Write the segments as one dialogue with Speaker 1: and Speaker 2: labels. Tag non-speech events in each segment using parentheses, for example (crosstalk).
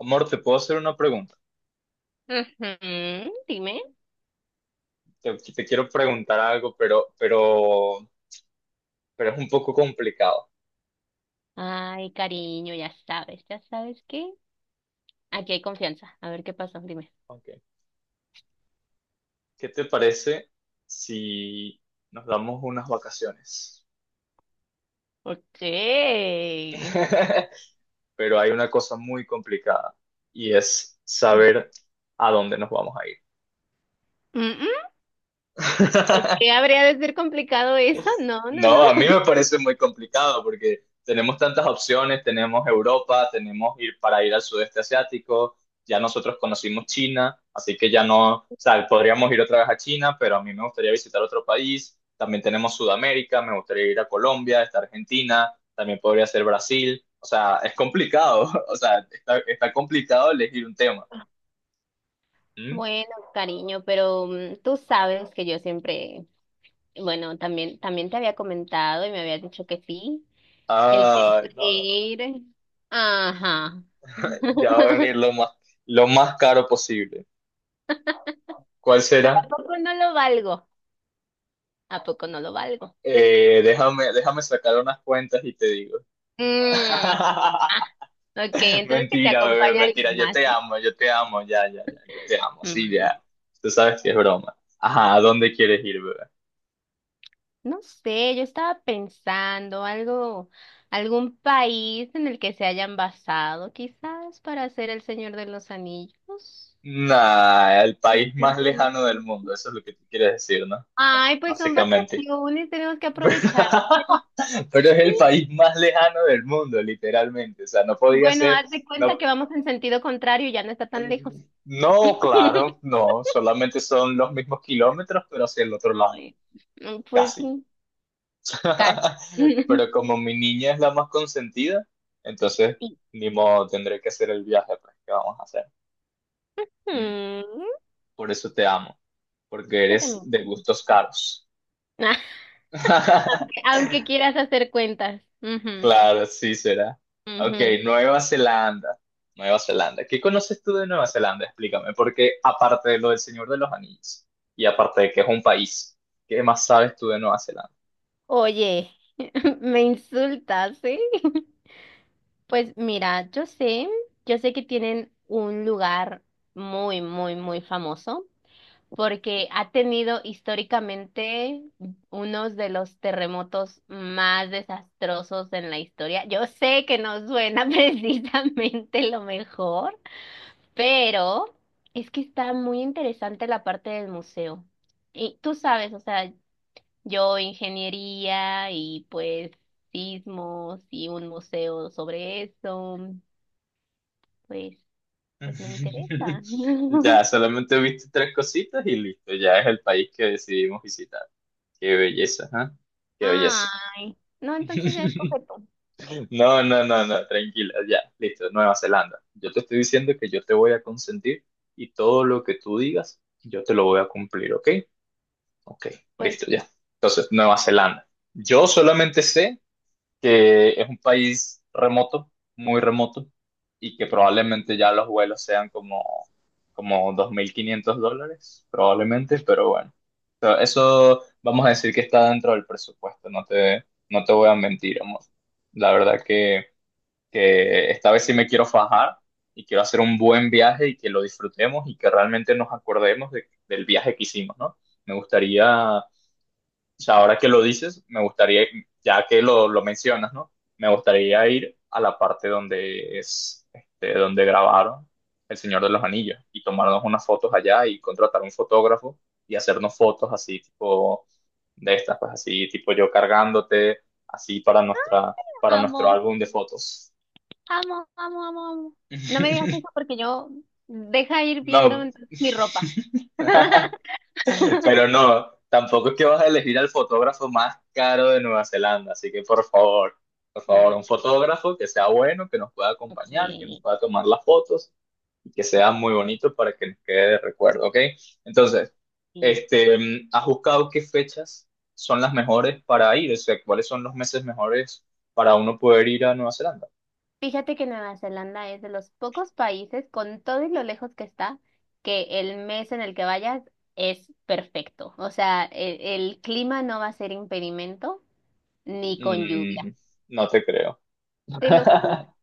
Speaker 1: Amor, te puedo hacer una pregunta.
Speaker 2: Ujú, dime.
Speaker 1: Te quiero preguntar algo, pero es un poco complicado.
Speaker 2: Ay, cariño, ya sabes que aquí hay confianza. A ver qué pasó, dime.
Speaker 1: Ok. ¿Qué te parece si nos damos unas vacaciones?
Speaker 2: Okay.
Speaker 1: (laughs) Pero hay una cosa muy complicada y es saber a dónde nos vamos a ir.
Speaker 2: Mm, ¿por
Speaker 1: (laughs)
Speaker 2: qué habría de ser complicado eso? No, no,
Speaker 1: No,
Speaker 2: no.
Speaker 1: a mí me
Speaker 2: (laughs)
Speaker 1: parece muy complicado porque tenemos tantas opciones, tenemos Europa, tenemos ir al sudeste asiático, ya nosotros conocimos China, así que ya no, o sea, podríamos ir otra vez a China, pero a mí me gustaría visitar otro país, también tenemos Sudamérica, me gustaría ir a Colombia, está Argentina, también podría ser Brasil, o sea, es complicado, (laughs) o sea, está complicado elegir un tema. ¿Mm?
Speaker 2: Bueno, cariño, pero tú sabes que yo siempre, bueno, también te había comentado y me habías dicho que sí, el tema
Speaker 1: Ay,
Speaker 2: de
Speaker 1: no, no, no,
Speaker 2: ir. Ajá. (laughs)
Speaker 1: ya va a venir lo más caro posible. ¿Cuál
Speaker 2: Pero ¿a
Speaker 1: será?
Speaker 2: poco no lo valgo? ¿A poco no lo valgo?
Speaker 1: Déjame sacar unas cuentas y te digo.
Speaker 2: Mm.
Speaker 1: (laughs)
Speaker 2: Ok, entonces que te
Speaker 1: Mentira, bebé,
Speaker 2: acompañe
Speaker 1: mentira.
Speaker 2: alguien más, ¿eh?
Speaker 1: Yo te amo, ya, ya, ya, yo te amo, sí, ya.
Speaker 2: Mm,
Speaker 1: Tú sabes que es broma. Ajá, ¿a dónde quieres ir, bebé?
Speaker 2: No sé, yo estaba pensando algo, algún país en el que se hayan basado, quizás para hacer El Señor de los Anillos.
Speaker 1: Nah, el país más lejano del
Speaker 2: mm,
Speaker 1: mundo, eso es lo que tú quieres decir, ¿no?
Speaker 2: Ay, pues son
Speaker 1: Básicamente.
Speaker 2: vacaciones, tenemos que aprovechar.
Speaker 1: (laughs) Pero es el
Speaker 2: Sí.
Speaker 1: país más lejano del mundo, literalmente. O sea, no podía
Speaker 2: Bueno,
Speaker 1: ser,
Speaker 2: haz de
Speaker 1: no,
Speaker 2: cuenta que vamos en sentido contrario, ya no está tan lejos.
Speaker 1: no,
Speaker 2: (laughs)
Speaker 1: claro, no, solamente son los mismos kilómetros, pero hacia el otro lado,
Speaker 2: Ay, pues
Speaker 1: casi.
Speaker 2: sí, casi.
Speaker 1: (laughs)
Speaker 2: (laughs)
Speaker 1: Pero como mi niña es la más consentida, entonces
Speaker 2: Sí.
Speaker 1: ni modo, tendré que hacer el viaje, pues, ¿qué vamos a hacer? ¿Mm?
Speaker 2: Mm,
Speaker 1: Por eso te amo, porque
Speaker 2: yo
Speaker 1: eres
Speaker 2: también.
Speaker 1: de gustos caros.
Speaker 2: (laughs) (laughs)
Speaker 1: (laughs)
Speaker 2: Aunque quieras hacer cuentas. Ujú,
Speaker 1: Claro, sí será. Ok,
Speaker 2: ujú.
Speaker 1: Nueva Zelanda. Nueva Zelanda. ¿Qué conoces tú de Nueva Zelanda? Explícame, porque aparte de lo del Señor de los Anillos y aparte de que es un país, ¿qué más sabes tú de Nueva Zelanda?
Speaker 2: Oye, (laughs) me insultas, ¿sí? (laughs) Pues mira, yo sé que tienen un lugar muy, muy, muy famoso porque ha tenido históricamente unos de los terremotos más desastrosos en la historia. Yo sé que no suena (laughs) precisamente lo mejor, pero es que está muy interesante la parte del museo. Y tú sabes, o sea, yo ingeniería y pues sismos y un museo sobre eso, pues, pues me
Speaker 1: (laughs)
Speaker 2: interesa.
Speaker 1: Ya,
Speaker 2: (laughs)
Speaker 1: solamente viste tres cositas y listo, ya es el país que decidimos visitar. Qué belleza, ¿ah? Qué belleza.
Speaker 2: Ay, no, entonces ya
Speaker 1: (laughs)
Speaker 2: escoge tú.
Speaker 1: No, no, no, no, tranquila, ya, listo, Nueva Zelanda. Yo te estoy diciendo que yo te voy a consentir y todo lo que tú digas, yo te lo voy a cumplir, ¿ok? Ok,
Speaker 2: Pues
Speaker 1: listo, ya. Entonces, Nueva Zelanda. Yo solamente sé que es un país remoto, muy remoto, y que probablemente ya los vuelos sean como $2,500, probablemente, pero bueno. Pero eso vamos a decir que está dentro del presupuesto, no te voy a mentir, amor. La verdad que esta vez sí me quiero fajar y quiero hacer un buen viaje y que lo disfrutemos y que realmente nos acordemos del viaje que hicimos, ¿no? Me gustaría o sea, ahora que lo dices, me gustaría, ya que lo mencionas, ¿no? Me gustaría ir a la parte donde es, este, donde grabaron El Señor de los Anillos y tomarnos unas fotos allá y contratar un fotógrafo y hacernos fotos así, tipo de estas, pues así, tipo yo cargándote, así para nuestro
Speaker 2: amo,
Speaker 1: álbum de fotos.
Speaker 2: amo, amo, amo, amo. No me digas eso
Speaker 1: (laughs)
Speaker 2: porque yo deja ir viendo
Speaker 1: No.
Speaker 2: entonces mi ropa.
Speaker 1: (laughs)
Speaker 2: (laughs)
Speaker 1: Pero no, tampoco es que vas a elegir al fotógrafo más caro de Nueva Zelanda, así que por favor,
Speaker 2: Mm,
Speaker 1: un fotógrafo que sea bueno, que nos pueda
Speaker 2: ok,
Speaker 1: acompañar, que nos pueda tomar las fotos y que sea muy bonito para que nos quede de recuerdo, ¿ok? Entonces,
Speaker 2: ok.
Speaker 1: este, ¿has buscado qué fechas son las mejores para ir? O sea, ¿cuáles son los meses mejores para uno poder ir a Nueva Zelanda?
Speaker 2: Fíjate que Nueva Zelanda es de los pocos países, con todo y lo lejos que está, que el mes en el que vayas es perfecto. O sea, el clima no va a ser impedimento ni con lluvia.
Speaker 1: Mm, no te creo.
Speaker 2: Te lo juro,
Speaker 1: (laughs)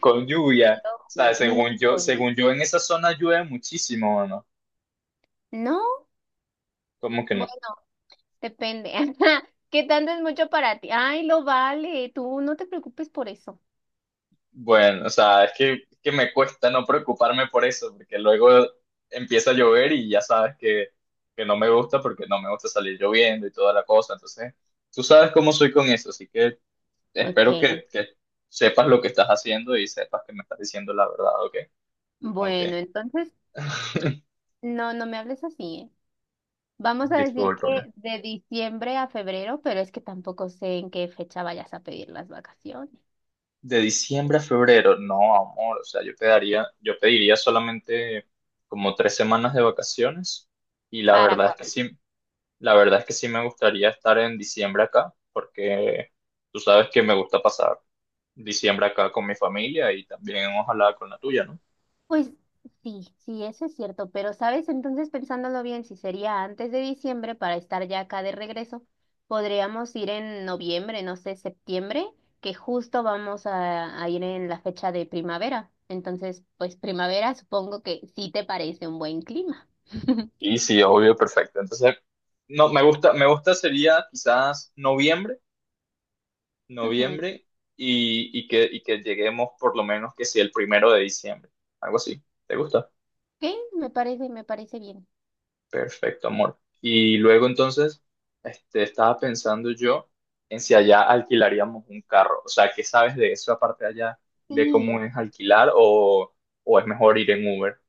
Speaker 1: Con
Speaker 2: te
Speaker 1: lluvia. O
Speaker 2: lo
Speaker 1: sea,
Speaker 2: juro,
Speaker 1: según
Speaker 2: ni
Speaker 1: yo,
Speaker 2: con lluvia.
Speaker 1: según yo en esa zona llueve muchísimo, ¿no?
Speaker 2: No,
Speaker 1: ¿Cómo que
Speaker 2: bueno,
Speaker 1: no?
Speaker 2: depende. (laughs) ¿Qué tanto es mucho para ti? Ay, lo vale, tú no te preocupes por eso.
Speaker 1: Bueno, o sea, es que me cuesta no preocuparme por eso, porque luego empieza a llover y ya sabes que no me gusta porque no me gusta salir lloviendo y toda la cosa. Entonces, tú sabes cómo soy con eso, así que
Speaker 2: Ok,
Speaker 1: espero que sepas lo que estás haciendo y sepas que me estás diciendo la verdad, ¿ok? Ok,
Speaker 2: bueno, entonces,
Speaker 1: (laughs)
Speaker 2: no, no me hables así, ¿eh? Vamos a decir
Speaker 1: discúlpame.
Speaker 2: que de diciembre a febrero, pero es que tampoco sé en qué fecha vayas a pedir las vacaciones.
Speaker 1: De diciembre a febrero, no, amor, o sea, yo pediría solamente como 3 semanas de vacaciones y la
Speaker 2: ¿Para
Speaker 1: verdad es que
Speaker 2: cuándo?
Speaker 1: sí. La verdad es que sí me gustaría estar en diciembre acá, porque tú sabes que me gusta pasar diciembre acá con mi familia y también ojalá con la tuya, ¿no?
Speaker 2: Pues sí, sí, eso es cierto, pero sabes, entonces pensándolo bien, si sería antes de diciembre para estar ya acá de regreso, podríamos ir en noviembre, no sé, septiembre, que justo vamos a ir en la fecha de primavera. Entonces, pues primavera supongo que sí te parece un buen clima. (laughs)
Speaker 1: Y sí, obvio, perfecto. Entonces, no, me gusta sería quizás noviembre,
Speaker 2: Ujú.
Speaker 1: noviembre y que lleguemos por lo menos que si el primero de diciembre, algo así. ¿Te gusta?
Speaker 2: Ok, me parece bien.
Speaker 1: Perfecto, amor. Y luego entonces, este, estaba pensando yo en si allá alquilaríamos un carro. O sea, ¿qué sabes de eso de cómo
Speaker 2: Sí,
Speaker 1: es alquilar o es mejor ir en Uber?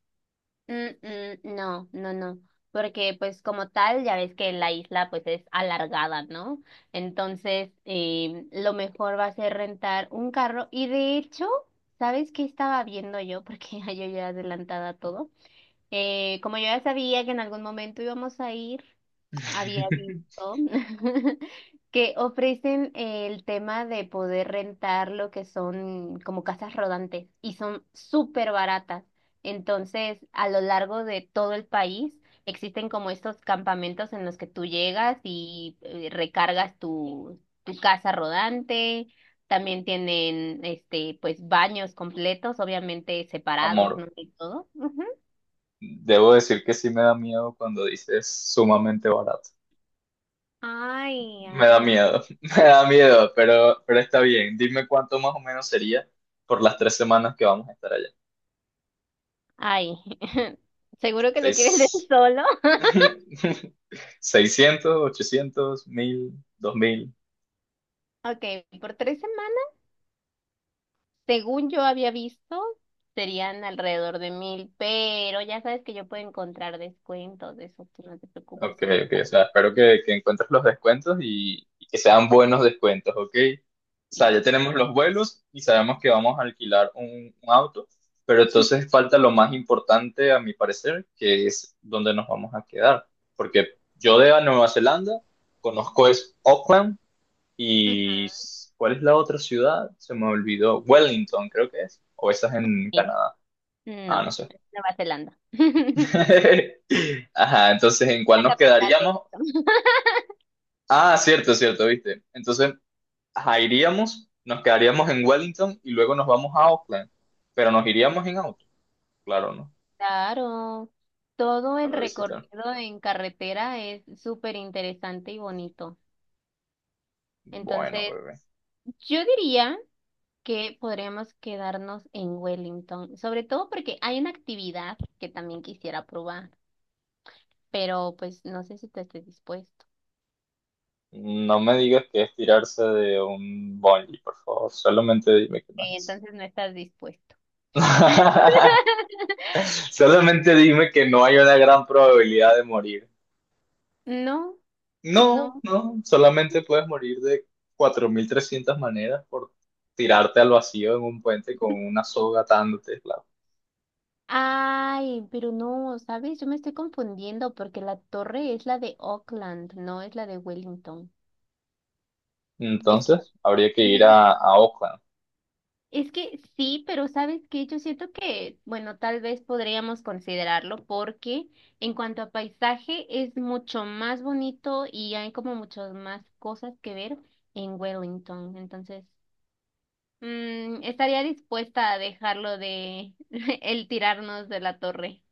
Speaker 2: mm, mm, no, no, no, porque pues como tal, ya ves que la isla pues es alargada, ¿no? Entonces, lo mejor va a ser rentar un carro y de hecho, ¿sabes qué estaba viendo yo? (laughs) Porque yo ya adelantada a todo. Como yo ya sabía que en algún momento íbamos a ir, había
Speaker 1: (laughs)
Speaker 2: visto (laughs) que ofrecen el tema de poder rentar lo que son como casas rodantes y son súper baratas. Entonces, a lo largo de todo el país existen como estos campamentos en los que tú llegas y recargas tu casa rodante. También tienen este pues baños completos, obviamente separados, no
Speaker 1: Amor,
Speaker 2: de todo. Ujú.
Speaker 1: debo decir que sí me da miedo cuando dices sumamente barato.
Speaker 2: Ay,
Speaker 1: Me da
Speaker 2: ay.
Speaker 1: miedo, (laughs) me da miedo, pero está bien. Dime cuánto más o menos sería por las 3 semanas que vamos a estar allá.
Speaker 2: Ay, (laughs) seguro que lo quieres leer
Speaker 1: Seis.
Speaker 2: solo. (laughs)
Speaker 1: (laughs) 600, 800, 1000, 2000.
Speaker 2: Ok, por 3 semanas, según yo había visto, serían alrededor de mil, pero ya sabes que yo puedo encontrar descuentos de eso, tú no te preocupes,
Speaker 1: Ok,
Speaker 2: solo
Speaker 1: ok. O
Speaker 2: déjalo.
Speaker 1: sea, espero que encuentres los descuentos y que sean buenos descuentos, ok. O sea,
Speaker 2: Sí.
Speaker 1: ya tenemos los vuelos y sabemos que vamos a alquilar un auto, pero entonces falta lo más importante, a mi parecer, que es dónde nos vamos a quedar. Porque yo de a Nueva Zelanda conozco es Auckland y
Speaker 2: (laughs)
Speaker 1: ¿cuál es la otra ciudad? Se me olvidó. Wellington, creo que es. O esa es en
Speaker 2: Sí.
Speaker 1: Canadá. Ah,
Speaker 2: No,
Speaker 1: no sé.
Speaker 2: es Nueva Zelanda. (laughs)
Speaker 1: (laughs) Ajá, entonces, ¿en cuál
Speaker 2: La
Speaker 1: nos
Speaker 2: capital de
Speaker 1: quedaríamos?
Speaker 2: esto.
Speaker 1: Ah, cierto, cierto, viste. Entonces, ajá, iríamos, nos quedaríamos en Wellington y luego nos vamos a Auckland. Pero nos iríamos en auto, claro, ¿no?
Speaker 2: Claro, todo el
Speaker 1: Para visitar.
Speaker 2: recorrido en carretera es súper interesante y bonito.
Speaker 1: Bueno,
Speaker 2: Entonces,
Speaker 1: bebé.
Speaker 2: yo diría que podríamos quedarnos en Wellington, sobre todo porque hay una actividad que también quisiera probar, pero pues no sé si tú estés dispuesto.
Speaker 1: No me digas que es tirarse de un bungee, por favor. Solamente dime que no es eso.
Speaker 2: Entonces no estás dispuesto.
Speaker 1: (laughs) Solamente dime que no hay una gran probabilidad de morir.
Speaker 2: No, no.
Speaker 1: No, no, solamente puedes morir de 4,300 maneras por tirarte al vacío en un puente con una soga atándote, claro.
Speaker 2: Ay, pero no, ¿sabes? Yo me estoy confundiendo porque la torre es la de Auckland, no es la de Wellington. Es que
Speaker 1: Entonces, habría que
Speaker 2: me
Speaker 1: ir
Speaker 2: gusta.
Speaker 1: a Oakland.
Speaker 2: Es que sí, pero sabes que yo siento que, bueno, tal vez podríamos considerarlo porque en cuanto a paisaje es mucho más bonito y hay como muchas más cosas que ver en Wellington. Entonces, estaría dispuesta a dejarlo de (laughs) el tirarnos de la torre.